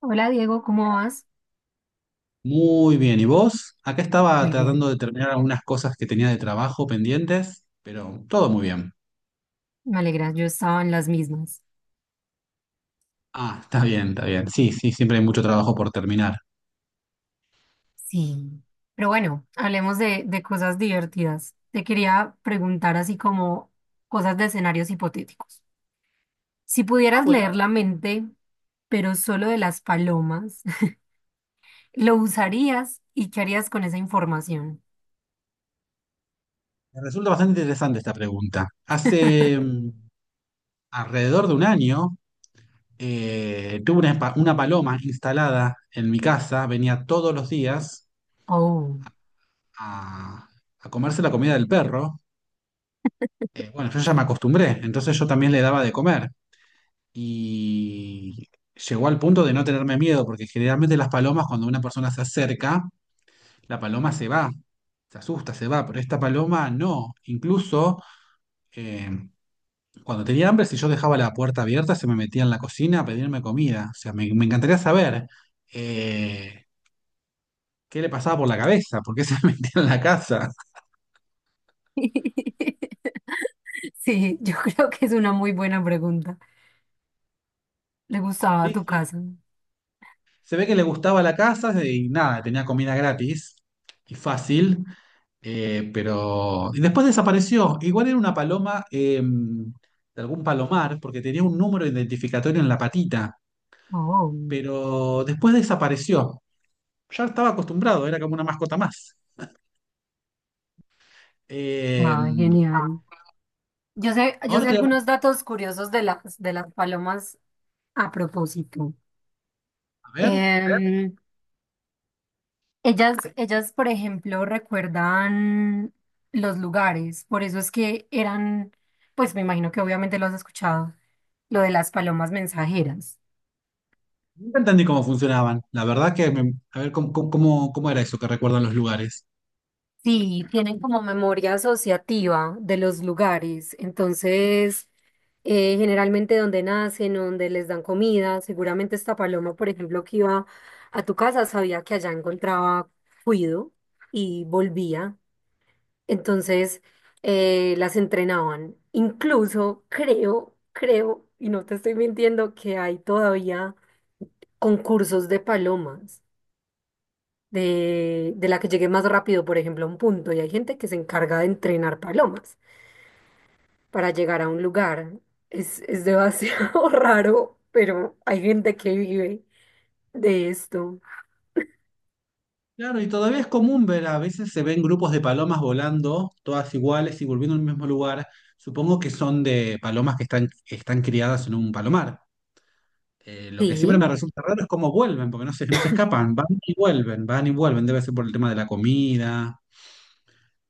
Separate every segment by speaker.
Speaker 1: Hola Diego, ¿cómo vas?
Speaker 2: Muy bien, ¿y vos? Acá estaba
Speaker 1: Muy bien,
Speaker 2: tratando de terminar algunas cosas que tenía de trabajo pendientes, pero todo muy bien.
Speaker 1: me alegra, yo estaba en las mismas.
Speaker 2: Ah, está bien, está bien. Sí, sí, siempre hay mucho trabajo por terminar.
Speaker 1: Sí, pero bueno, hablemos de cosas divertidas. Te quería preguntar así como cosas de escenarios hipotéticos. Si
Speaker 2: Ah,
Speaker 1: pudieras
Speaker 2: bueno,
Speaker 1: leer la mente, pero solo de las palomas, ¿lo usarías y qué harías con esa información?
Speaker 2: me resulta bastante interesante esta pregunta. Hace alrededor de un año tuve una paloma instalada en mi casa, venía todos los días
Speaker 1: Oh,
Speaker 2: a, a comerse la comida del perro. Bueno, yo ya me acostumbré, entonces yo también le daba de comer. Y llegó al punto de no tenerme miedo, porque generalmente las palomas, cuando una persona se acerca, la paloma se va, se asusta, se va, pero esta paloma no. Incluso eh, cuando tenía hambre, si yo dejaba la puerta abierta, se me metía en la cocina a pedirme comida. O sea, me encantaría saber eh, qué le pasaba por la cabeza, por qué se metía en la casa.
Speaker 1: sí, yo creo que es una muy buena pregunta. ¿Le gustaba
Speaker 2: Sí,
Speaker 1: tu
Speaker 2: sí.
Speaker 1: casa?
Speaker 2: Se ve que le gustaba la casa y nada, tenía comida gratis y fácil. Pero y después desapareció. Igual era una paloma de algún palomar, porque tenía un número identificatorio en la patita,
Speaker 1: Oh,
Speaker 2: pero después desapareció. Ya estaba acostumbrado, era como una mascota más. Eh,
Speaker 1: ah, genial. Yo
Speaker 2: ahora
Speaker 1: sé
Speaker 2: te voy
Speaker 1: algunos datos curiosos de las palomas a propósito.
Speaker 2: a ver,
Speaker 1: Em, ellas, por ejemplo, recuerdan los lugares, por eso es que eran, pues me imagino que obviamente lo has escuchado, lo de las palomas mensajeras.
Speaker 2: nunca entendí cómo funcionaban. La verdad que, a ver, ¿cómo, cómo, cómo era eso que recuerdan los lugares?
Speaker 1: Sí, tienen como memoria asociativa de los lugares. Entonces, generalmente donde nacen, donde les dan comida, seguramente esta paloma, por ejemplo, que iba a tu casa, sabía que allá encontraba cuido y volvía. Entonces, las entrenaban. Incluso creo, y no te estoy mintiendo, que hay todavía concursos de palomas de la que llegue más rápido, por ejemplo, a un punto. Y hay gente que se encarga de entrenar palomas para llegar a un lugar. Es demasiado raro, pero hay gente que vive de esto.
Speaker 2: Claro, y todavía es común ver, a veces se ven grupos de palomas volando, todas iguales y volviendo al mismo lugar. Supongo que son de palomas que están criadas en un palomar. Lo que siempre me
Speaker 1: Sí,
Speaker 2: resulta raro es cómo vuelven, porque no se escapan, van y vuelven, van y vuelven. Debe ser por el tema de la comida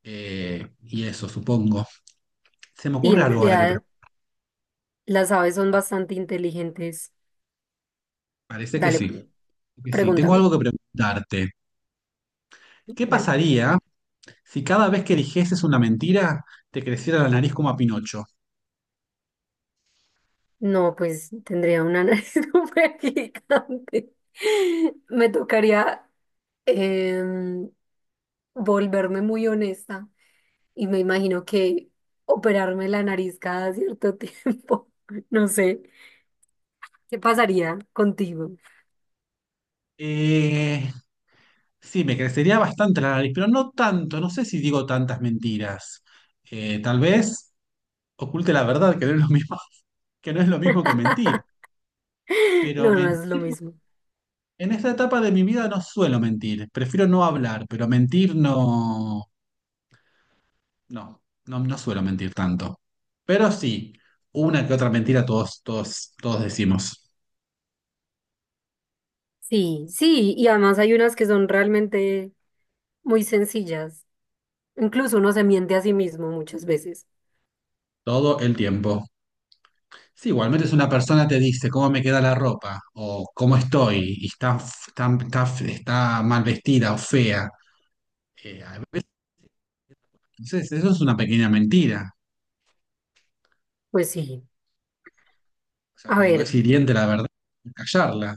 Speaker 2: y eso, supongo. Se me
Speaker 1: y
Speaker 2: ocurre
Speaker 1: en
Speaker 2: algo ahora que
Speaker 1: realidad
Speaker 2: preguntar.
Speaker 1: las aves son bastante inteligentes.
Speaker 2: Parece que
Speaker 1: Dale,
Speaker 2: sí, que sí. Tengo
Speaker 1: pregúntame.
Speaker 2: algo que preguntarte. ¿Qué
Speaker 1: Vale.
Speaker 2: pasaría si cada vez que dijeses una mentira te creciera la nariz como a Pinocho?
Speaker 1: No, pues tendría una nariz súper gigante. Me tocaría em, volverme muy honesta. Y me imagino que operarme la nariz cada cierto tiempo, no sé, ¿qué pasaría contigo?
Speaker 2: Eh, Sí, me crecería bastante la nariz, pero no tanto, no sé si digo tantas mentiras. Tal vez oculte la verdad, que no es lo mismo, que no es lo mismo que mentir. Pero
Speaker 1: No, no es lo mismo.
Speaker 2: en esta etapa de mi vida no suelo mentir, prefiero no hablar, pero mentir no, no suelo mentir tanto. Pero sí, una que otra mentira todos decimos,
Speaker 1: Sí, sí, y además hay unas que son realmente muy sencillas. Incluso uno se miente a sí mismo muchas veces.
Speaker 2: todo el tiempo. Sí, igualmente es una persona te dice cómo me queda la ropa o cómo estoy y está, está mal vestida o fea. A veces, entonces, eso es una pequeña mentira.
Speaker 1: Pues sí,
Speaker 2: O sea,
Speaker 1: a
Speaker 2: cuando es
Speaker 1: ver,
Speaker 2: hiriente la verdad, hay que callarla.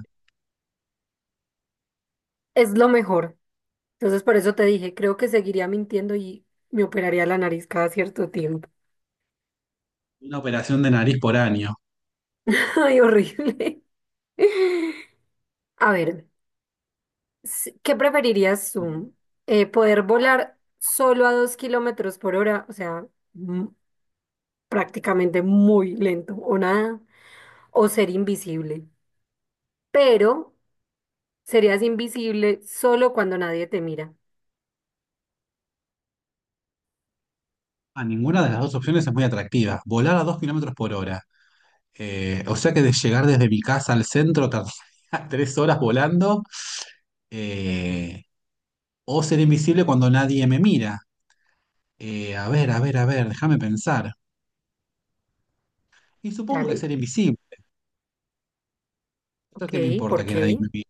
Speaker 1: es lo mejor. Entonces por eso te dije, creo que seguiría mintiendo y me operaría la nariz cada cierto tiempo.
Speaker 2: Una operación de nariz por año.
Speaker 1: Ay, horrible. A ver. ¿Qué preferirías tú? ¿Poder volar solo a 2 kilómetros por hora? O sea, mm, prácticamente muy lento o nada. O ser invisible. Pero serías invisible solo cuando nadie te mira.
Speaker 2: A ninguna de las dos opciones es muy atractiva. Volar a 2 kilómetros por hora. O sea que de llegar desde mi casa al centro tardaría 3 horas volando. eh, o ser invisible cuando nadie me mira. A ver, a ver, a ver, déjame pensar. Y supongo que ser
Speaker 1: Dale.
Speaker 2: invisible. ¿Esto
Speaker 1: Ok,
Speaker 2: qué me importa
Speaker 1: ¿por
Speaker 2: que nadie me
Speaker 1: qué?
Speaker 2: mire?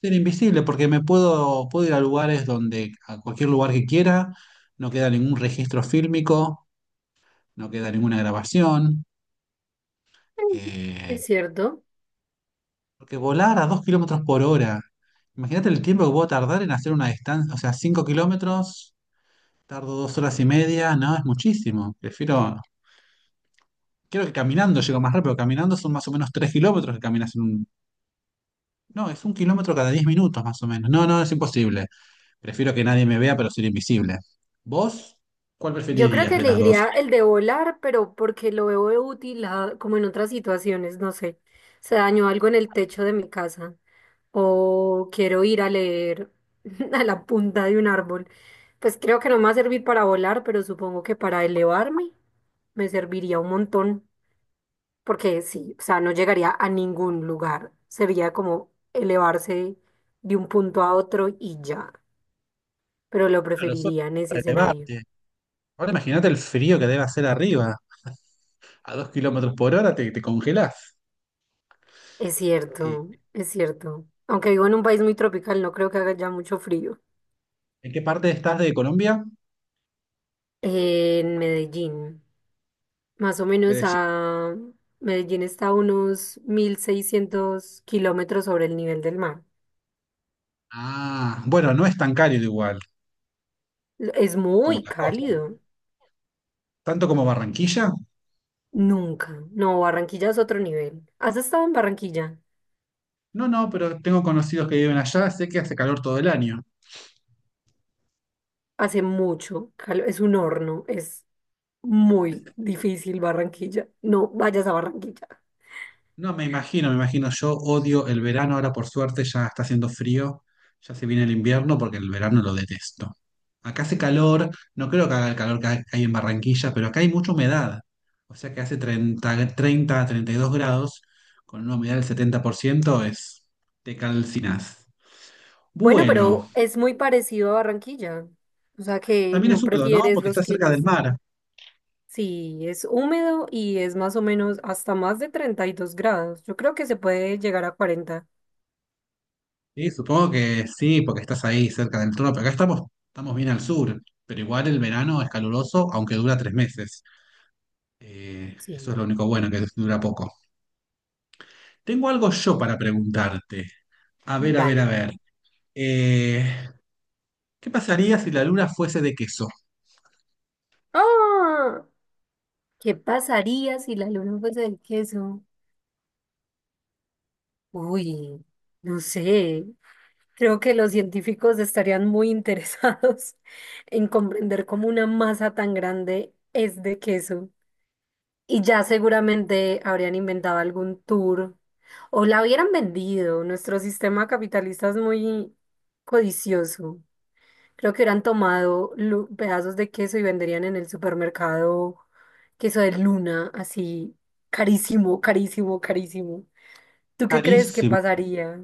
Speaker 2: Ser invisible porque puedo ir a lugares donde, a cualquier lugar que quiera, no queda ningún registro fílmico, no queda ninguna grabación.
Speaker 1: Mm.
Speaker 2: eh,
Speaker 1: Es cierto.
Speaker 2: porque volar a 2 kilómetros por hora, imagínate el tiempo que puedo tardar en hacer una distancia, o sea, 5 kilómetros, tardo 2 horas y media, no, es muchísimo. Prefiero, creo que caminando llego más rápido, caminando son más o menos 3 kilómetros que caminas en un no, es un kilómetro cada 10 minutos más o menos. No, no, es imposible. Prefiero que nadie me vea, pero ser invisible. ¿Vos? ¿Cuál
Speaker 1: Yo creo
Speaker 2: preferirías
Speaker 1: que
Speaker 2: de las dos?
Speaker 1: elegiría el de volar, pero porque lo veo útil ah, como en otras situaciones, no sé. Se dañó algo en el techo de mi casa. O quiero ir a leer a la punta de un árbol. Pues creo que no me va a servir para volar, pero supongo que para elevarme me serviría un montón, porque sí, o sea, no llegaría a ningún lugar. Sería como elevarse de un punto a otro y ya, pero lo
Speaker 2: Claro, solo
Speaker 1: preferiría en ese
Speaker 2: para
Speaker 1: escenario.
Speaker 2: elevarte. Ahora imagínate el frío que debe hacer arriba. A dos kilómetros por hora te congelás.
Speaker 1: Es
Speaker 2: Eh,
Speaker 1: cierto, es cierto. Aunque vivo en un país muy tropical, no creo que haga ya mucho frío.
Speaker 2: ¿En qué parte estás de Colombia?
Speaker 1: En Medellín. Más o menos
Speaker 2: Medellín.
Speaker 1: a Medellín está a unos 1.600 kilómetros sobre el nivel del mar.
Speaker 2: Ah, bueno, no es tan cálido igual
Speaker 1: Es
Speaker 2: como
Speaker 1: muy
Speaker 2: la costa.
Speaker 1: cálido.
Speaker 2: ¿Tanto como Barranquilla?
Speaker 1: Nunca. No, Barranquilla es otro nivel. ¿Has estado en Barranquilla?
Speaker 2: No, no, pero tengo conocidos que viven allá, sé que hace calor todo el año.
Speaker 1: Hace mucho. Es un horno. Es muy difícil Barranquilla. No vayas a Barranquilla.
Speaker 2: No, me imagino, me imagino. Yo odio el verano, ahora por suerte ya está haciendo frío, ya se viene el invierno porque el verano lo detesto. Acá hace calor, no creo que haga el calor que hay en Barranquilla, pero acá hay mucha humedad. O sea que hace 32 grados, con una humedad del 70% es, te calcinas.
Speaker 1: Bueno,
Speaker 2: Bueno,
Speaker 1: pero es muy parecido a Barranquilla. O sea que
Speaker 2: también es
Speaker 1: no
Speaker 2: húmedo, ¿no?
Speaker 1: prefieres
Speaker 2: Porque
Speaker 1: los
Speaker 2: está cerca del
Speaker 1: climas.
Speaker 2: mar.
Speaker 1: Sí, es húmedo y es más o menos hasta más de 32 grados. Yo creo que se puede llegar a 40.
Speaker 2: Sí, supongo que sí, porque estás ahí cerca del trono. Pero acá estamos, estamos bien al sur, pero igual el verano es caluroso, aunque dura tres meses. Eso es
Speaker 1: Sí,
Speaker 2: lo único bueno, que dura poco. Tengo algo yo para preguntarte. A ver, a ver, a
Speaker 1: dale.
Speaker 2: ver. Eh, ¿Qué pasaría si la luna fuese de queso?
Speaker 1: ¡Ah! ¿Qué pasaría si la luna fuese de queso? Uy, no sé. Creo que los científicos estarían muy interesados en comprender cómo una masa tan grande es de queso. Y ya seguramente habrían inventado algún tour o la hubieran vendido. Nuestro sistema capitalista es muy codicioso. Creo que hubieran tomado pedazos de queso y venderían en el supermercado queso de luna, así carísimo, carísimo, carísimo. ¿Tú qué crees que
Speaker 2: Carísimo.
Speaker 1: pasaría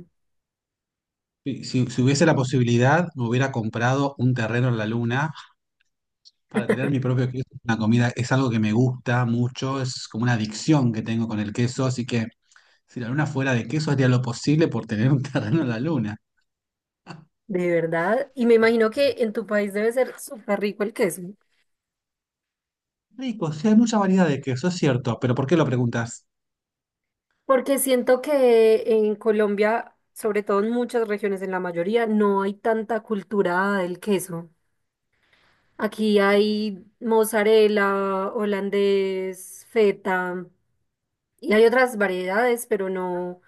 Speaker 2: Si hubiese la posibilidad, me hubiera comprado un terreno en la luna para tener mi propio queso. Es una comida es algo que me gusta mucho, es como una adicción que tengo con el queso, así que si la luna fuera de queso, haría lo posible por tener un terreno en la luna.
Speaker 1: de verdad? Y me imagino que en tu país debe ser súper rico el queso.
Speaker 2: Rico, sí hay mucha variedad de queso, es cierto, pero ¿por qué lo preguntas?
Speaker 1: Porque siento que en Colombia, sobre todo en muchas regiones, en la mayoría, no hay tanta cultura del queso. Aquí hay mozzarella, holandés, feta, y hay otras variedades, pero no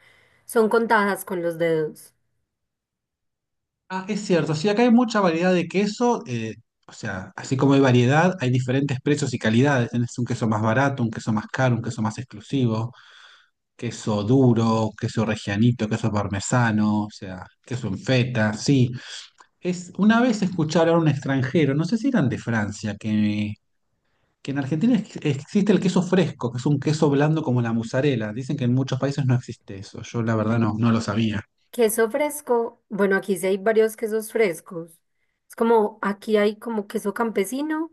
Speaker 1: son contadas con los dedos.
Speaker 2: Ah, es cierto, sí, acá hay mucha variedad de queso, o sea, así como hay variedad, hay diferentes precios y calidades. Tenés un queso más barato, un queso más caro, un queso más exclusivo, queso duro, queso regianito, queso parmesano, o sea, queso en feta, sí. Es, una vez escucharon a un extranjero, no sé si eran de Francia, que en Argentina existe el queso fresco, que es un queso blando como la mozzarella. Dicen que en muchos países no existe eso, yo la verdad no, no lo sabía.
Speaker 1: Queso fresco, bueno, aquí sí hay varios quesos frescos. Es como, aquí hay como queso campesino,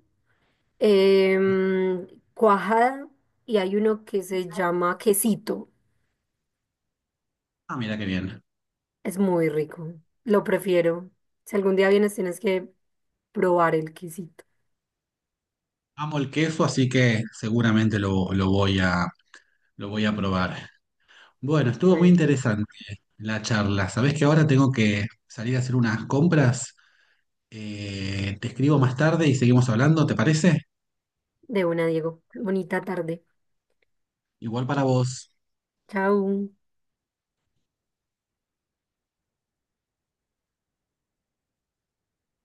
Speaker 1: em, cuajada, y hay uno que se llama quesito.
Speaker 2: Ah, mira qué bien.
Speaker 1: Es muy rico. Lo prefiero. Si algún día vienes, tienes que probar el quesito.
Speaker 2: Amo el queso, así que seguramente lo voy lo voy a probar. Bueno,
Speaker 1: Y
Speaker 2: estuvo muy
Speaker 1: bueno,
Speaker 2: interesante la charla. Sabés que ahora tengo que salir a hacer unas compras. Te escribo más tarde y seguimos hablando, ¿te parece?
Speaker 1: de una, Diego. Bonita tarde.
Speaker 2: Igual para vos.
Speaker 1: Chao.